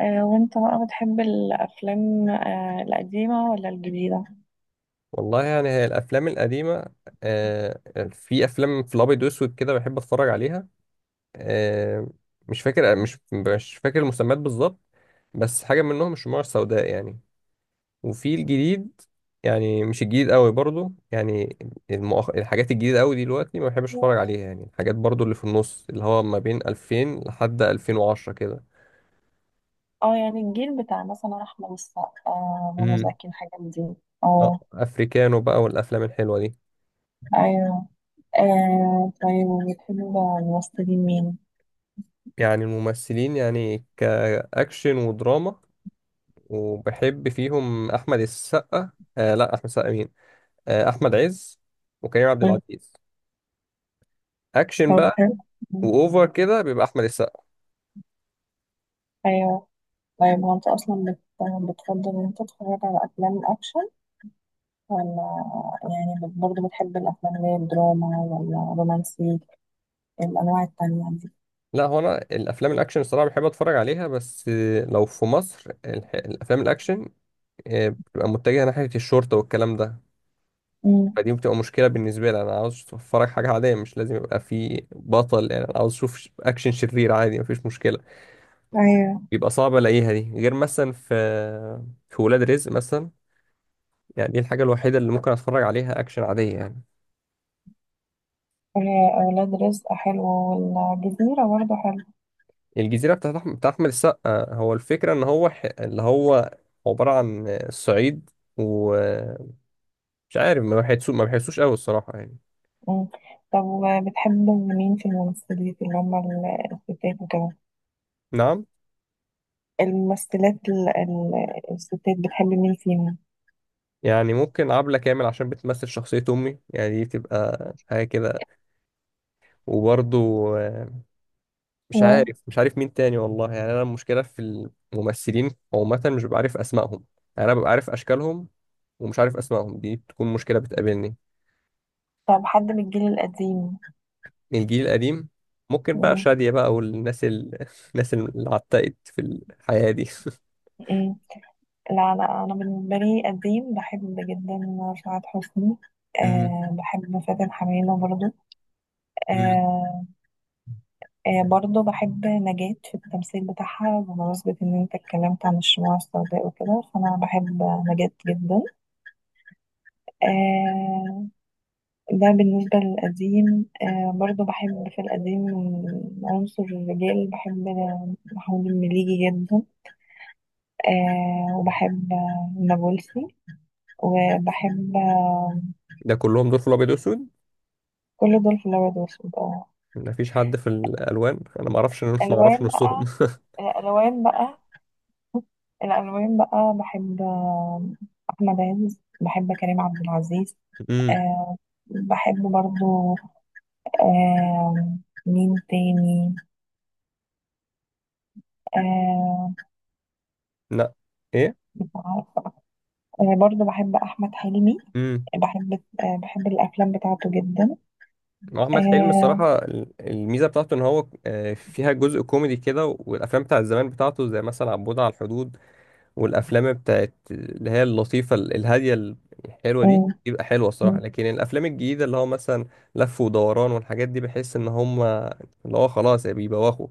وانت بقى بتحب الافلام، القديمه ولا الجديده؟ والله، يعني هي الافلام القديمه. آه، في افلام في الابيض واسود كده بحب اتفرج عليها. آه، مش فاكر المسميات بالظبط، بس حاجه منهم الشموع السوداء يعني. وفي الجديد، يعني مش الجديد قوي برضو يعني. الحاجات الجديده قوي دلوقتي ما بحبش اتفرج عليها، يعني الحاجات برضو اللي في النص اللي هو ما بين 2000 لحد 2010 كده. اه، يعني الجيل بتاع مثلا احمد السقا، منى امم، زكي الحاجات دي. اه، اه افريكانو بقى والافلام الحلوه دي. ايوه. آه طيب، وبتحب الممثلين مين؟ يعني الممثلين، يعني كاكشن ودراما. وبحب فيهم أحمد السقا. آه لا، أحمد السقا مين؟ آه، أحمد عز وكريم عبد مم. العزيز. أكشن طب بقى. حلو. مم. وأوفر كده بيبقى أحمد السقا. ايوه. طيب هو انت اصلا بتفضل ان انت تتفرج على افلام الاكشن ولا يعني برضه بتحب الافلام اللي هي الدراما ولا رومانسي الانواع التانية دي؟ لا، هو أنا الأفلام الأكشن الصراحة بحب أتفرج عليها، بس لو في مصر الأفلام الأكشن بتبقى متجهة ناحية الشرطة والكلام ده. مم. فدي بتبقى مشكلة بالنسبة لي. أنا عاوز أتفرج حاجة عادية، مش لازم يبقى في بطل. يعني أنا عاوز أشوف أكشن شرير عادي، مفيش مشكلة. ايوه. بيبقى صعب ألاقيها دي، غير مثلا في ولاد رزق مثلا. يعني دي الحاجة الوحيدة اللي ممكن اتفرج عليها اكشن عادية يعني. آه، ولاد رزق حلو، والجزيرة برضه حلو. الجزيرة بتاع احمد السقا، هو الفكرة ان هو اللي هو عبارة عن الصعيد ومش عارف. ما بحسوش قوي الصراحة يعني. مم. طب بتحب مين في الممثلات اللي هم الستات وكده؟ نعم. الممثلات الستات بتحب مين فيهم؟ يعني ممكن عبلة كامل، عشان بتمثل شخصية أمي يعني، دي بتبقى حاجة كده. وبرضو مش مم. عارف مش عارف مين تاني. والله يعني أنا المشكلة في الممثلين عامة مش ببقى عارف أسمائهم. يعني أنا ببقى عارف أشكالهم، ومش عارف أسمائهم، دي بتكون مشكلة بتقابلني. طب حد من الجيل القديم؟ الجيل القديم ممكن بقى مم. شادية بقى، والناس الناس اللي عتقت في الحياة دي. مم. لا أنا، بالنسبة لي قديم بحب جدا سعاد حسني. مم. أه بحب فاتن حمامة برضه. مم. آه، آه برضه بحب نجاة في التمثيل بتاعها، بمناسبة إن أنت اتكلمت عن الشموع السوداء وكده فأنا بحب نجاة جدا. آه، ده بالنسبة للقديم. آه برضه بحب في القديم عنصر الرجال، بحب محمود المليجي جدا. آه وبحب النابلسي، وبحب ده كلهم دول في الأبيض وأسود، كل دول في الأبيض والأسود اه. مفيش حد في الألوان أنا ما أعرفش ما أعرفش ألوان نصهم. بقى، الألوان بقى، الألوان بقى بحب، أحمد عز، بحب كريم عبد العزيز. امم، آه بحب برضو. آه مين تاني؟ آه لا، إيه، مش عارفة. آه برضو بحب أحمد حلمي، امم. بحب، آه بحب الأفلام بتاعته جدا. أحمد حلمي آه الصراحة الميزة بتاعته إن هو فيها جزء كوميدي كده، والأفلام بتاعت زمان بتاعته زي مثلا عبود على الحدود. والافلام بتاعت اللي هي اللطيفه الهاديه الحلوه دي م- بيبقى حلوه الصراحه. م- لكن الافلام الجديده اللي هو مثلا لف ودوران والحاجات دي بحس ان هم اللي هو خلاص يا بيبوخوا.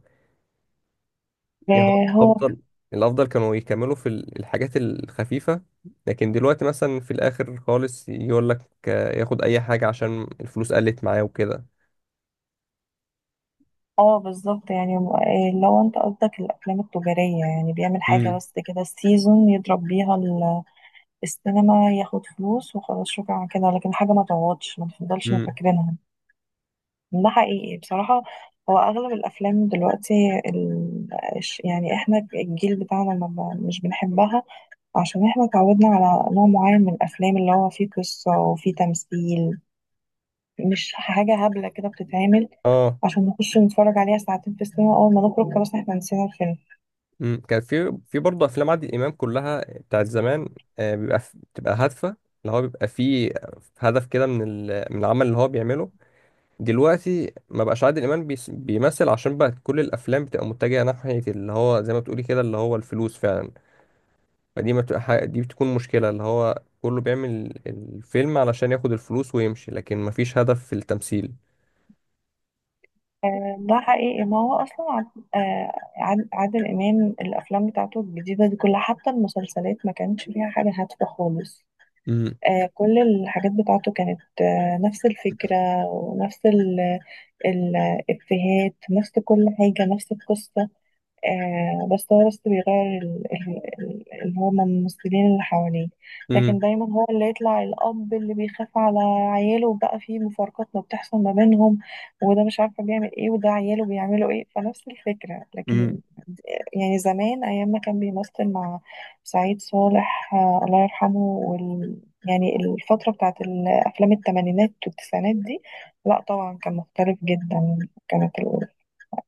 يعني هو هو الافضل كانوا يكملوا في الحاجات الخفيفه. لكن دلوقتي مثلا في الاخر خالص يقول لك ياخد اي حاجه عشان الفلوس قلت معاه وكده. اه بالظبط. يعني لو انت قصدك الافلام التجاريه، يعني بيعمل حاجه امم، بس كده السيزون يضرب بيها السينما، ياخد فلوس وخلاص شكرا على كده، لكن حاجه ما تقعدش ما تفضلش امم، فاكرينها. ده حقيقي بصراحة. هو أغلب الأفلام دلوقتي، ال... يعني إحنا الجيل بتاعنا ما ب- مش بنحبها، عشان إحنا اتعودنا على نوع معين من الأفلام اللي هو فيه قصة وفيه تمثيل، مش حاجة هبلة كده بتتعمل اه. عشان نخش نتفرج عليها ساعتين في السينما، أول ما نخرج خلاص إحنا نسينا الفيلم. مم. كان في برضه افلام عادل امام كلها بتاعت زمان. بتبقى هادفه، اللي هو بيبقى فيه هدف كده من من العمل اللي هو بيعمله. دلوقتي ما بقاش عادل امام بيمثل، عشان بقى كل الافلام بتبقى متجهه ناحيه اللي هو زي ما بتقولي كده اللي هو الفلوس فعلا. فدي ما بتبقى حاجة- دي بتكون مشكله، اللي هو كله بيعمل الفيلم علشان ياخد الفلوس ويمشي، لكن ما فيش هدف في التمثيل. ده حقيقي. ما هو أصلا عادل إمام الأفلام بتاعته الجديدة دي كلها، حتى المسلسلات ما كانش فيها حاجة هادفة خالص. آه، كل الحاجات بتاعته كانت نفس الفكرة ونفس الإفيهات، نفس كل حاجة، نفس القصة. آه بس هو بس بيغير ال- ال- ال- اللي هو من الممثلين اللي حواليه، لكن دايما هو اللي يطلع الأب اللي بيخاف على عياله، وبقى في مفارقات ما بتحصل ما بينهم، وده مش عارفة بيعمل ايه وده عياله بيعملوا ايه، فنفس الفكرة. امم، لكن يعني زمان أيام ما كان بيمثل مع سعيد صالح، آه الله يرحمه، وال يعني الفترة بتاعت الأفلام التمانينات والتسعينات دي، لا طبعا كان مختلف جدا. كانت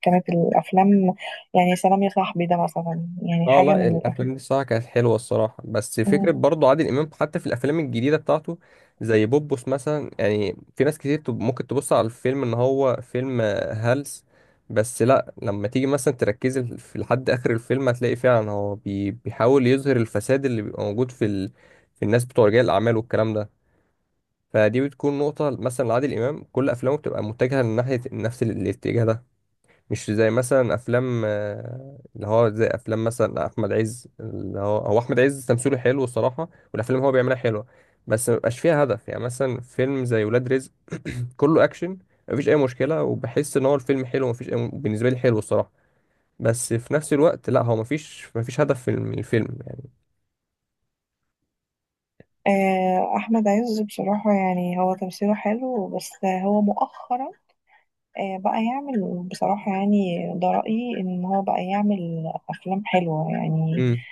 كانت الافلام، يعني سلام يا صاحبي ده مثلا يعني اه. حاجه لا، من الافلام دي الصراحه كانت حلوه الصراحه، بس فكره الافلام. برضو عادل امام حتى في الافلام الجديده بتاعته. زي بوبوس مثلا، يعني في ناس كتير ممكن تبص على الفيلم ان هو فيلم هلس. بس لا، لما تيجي مثلا تركز في لحد اخر الفيلم هتلاقي فعلا هو بيحاول يظهر الفساد اللي بيبقى موجود في الناس بتوع رجال الاعمال والكلام ده. فدي بتكون نقطه مثلا لعادل امام، كل افلامه بتبقى متجهه لناحيه نفس الاتجاه ده. مش زي مثلا افلام اللي هو زي افلام مثلا احمد عز. اللي هو احمد عز تمثيله حلو الصراحه، والافلام اللي هو بيعملها حلوه. بس ما بيبقاش فيها هدف يعني. مثلا فيلم زي ولاد رزق، كله اكشن، مفيش اي مشكله، وبحس ان هو الفيلم حلو، بالنسبه لي حلو الصراحه. بس في نفس الوقت لا، هو مفيش هدف في الفيلم يعني. آه، احمد عز بصراحه يعني هو تمثيله حلو، بس هو مؤخرا بقى يعمل بصراحه، يعني ده رايي ان هو بقى يعمل افلام حلوه يعني. امم،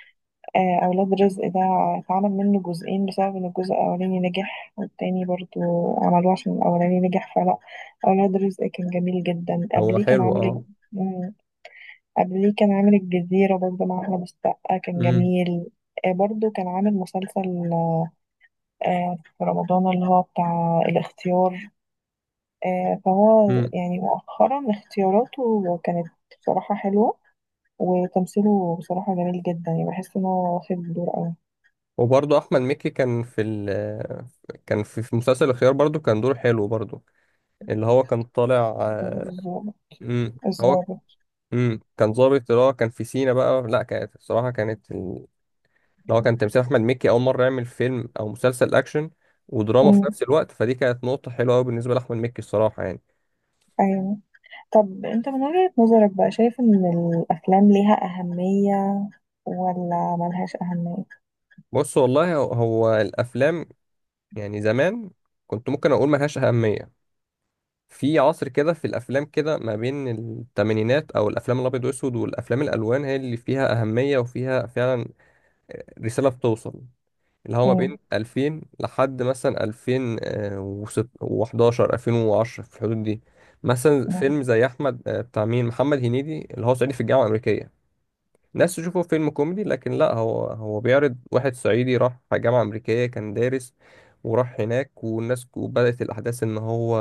آه، اولاد رزق ده اتعمل منه جزئين بسبب ان الجزء الاولاني نجح، والتاني برضو عملوه عشان الاولاني نجح. فلا اولاد رزق كان جميل جدا. هو قبليه كان حلو عامل إيه؟ اه. قبليه كان عامل الجزيرة برضه مع أحمد السقا، كان امم. جميل. آه، برضه كان عامل مسلسل، آه، في رمضان اللي هو بتاع الاختيار. آه، فهو امم. يعني مؤخرا اختياراته كانت بصراحة حلوة، وتمثيله بصراحة جميل جدا، يعني بحس إن هو واخد دور أوي. وبرضه احمد مكي كان في مسلسل الخيار برضه كان دوره حلو برضه، اللي هو كان طالع. الظابط، امم، هو. الظابط. امم. كان ظابط اللي هو كان في سينا بقى. لا، كانت الصراحه اللي هو كان تمثيل احمد مكي اول مره يعمل فيلم او مسلسل اكشن ودراما في أمم، نفس الوقت، فدي كانت نقطه حلوه قوي بالنسبه لاحمد مكي الصراحه يعني. أيوه. طب أنت من وجهة نظرك بقى شايف إن الأفلام ليها أهمية ولا ملهاش أهمية؟ بص والله هو الافلام. يعني زمان كنت ممكن اقول ما لهاش اهميه. في عصر كده، في الافلام كده ما بين الثمانينات او الافلام الابيض واسود والافلام الالوان هي اللي فيها اهميه وفيها فعلا رساله بتوصل. اللي هو ما بين أمم. 2000 لحد مثلا 2011 2010 في الحدود دي. مثلا فيلم زي احمد بتاع مين محمد هنيدي، اللي هو صعيدي في الجامعه الامريكيه. الناس تشوفه فيلم كوميدي، لكن لا هو بيعرض واحد صعيدي راح جامعه امريكيه كان دارس. وراح هناك والناس، وبدات الاحداث ان هو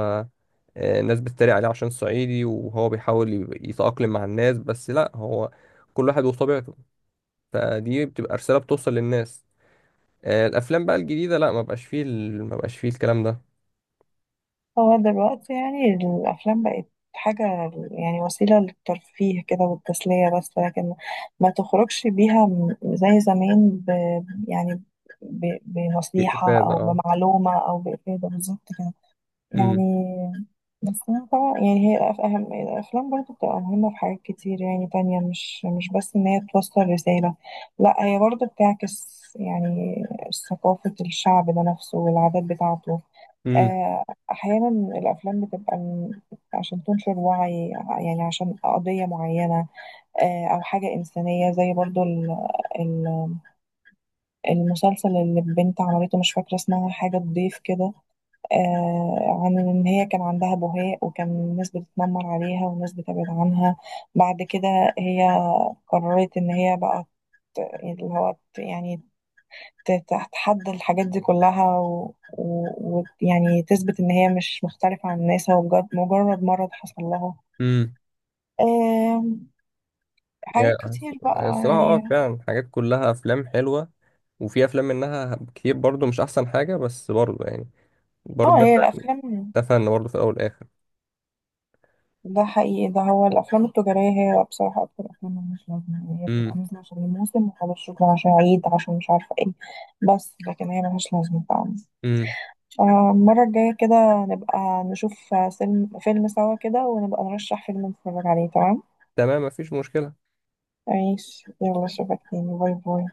الناس بتتريق عليه عشان صعيدي، وهو بيحاول يتاقلم مع الناس، بس لا، هو كل واحد وطبيعته. فدي بتبقى رساله بتوصل للناس. الافلام بقى الجديده لا، ما بقاش فيه الكلام ده. هو دلوقتي يعني الأفلام بقت حاجة، يعني وسيلة للترفيه كده والتسلية بس، لكن ما تخرجش بيها زي زمان يعني ب في بنصيحة افاده أو اه. بمعلومة أو بإفادة بالظبط كده امم. يعني. بس أنا طبعا يعني هي أهم الأفلام برضو بتبقى مهمة في حاجات كتير يعني تانية، مش بس إن هي توصل رسالة، لا هي برضو بتعكس يعني ثقافة الشعب ده نفسه والعادات بتاعته. امم. آه، أحيانا الأفلام بتبقى عشان تنشر وعي، يعني عشان قضية معينة، أو حاجة إنسانية زي برضو ال- المسلسل اللي البنت عملته مش فاكرة اسمها، حاجة تضيف كده. آه، عن إن هي كان عندها بهاء وكان الناس بتتنمر عليها والناس بتبعد عنها، بعد كده هي قررت إن هي بقى ت- اللي هو ت- يعني ت- تتحدى الحاجات دي كلها يعني تثبت ان هي مش مختلفة عن الناس، هو بجد مجرد مرض حصل لها. امم. آم، يعني حاجات كتير بقى هي الصراحه اه يعني. فعلا الحاجات كلها افلام حلوه. وفي افلام منها كتير برضو مش احسن حاجه، بس برضو يعني برضو اه ده هي فن. الافلام، ده فن برضو في الاول والاخر. ده حقيقي. ده هو الافلام التجارية هي بصراحة اكتر افلام مش لازمة، يعني هي بتبقى امم. نازلة عشان الموسم وخلاص شكرا، عشان عيد، عشان مش عارفة ايه، بس لكن هي ملهاش لازمة فعلا. امم. آه، المرة الجاية كده نبقى نشوف فيلم سوا كده، ونبقى نرشح فيلم نتفرج عليه. تمام. تمام، مفيش مشكله. عيش يلا، اشوفك تاني، باي باي.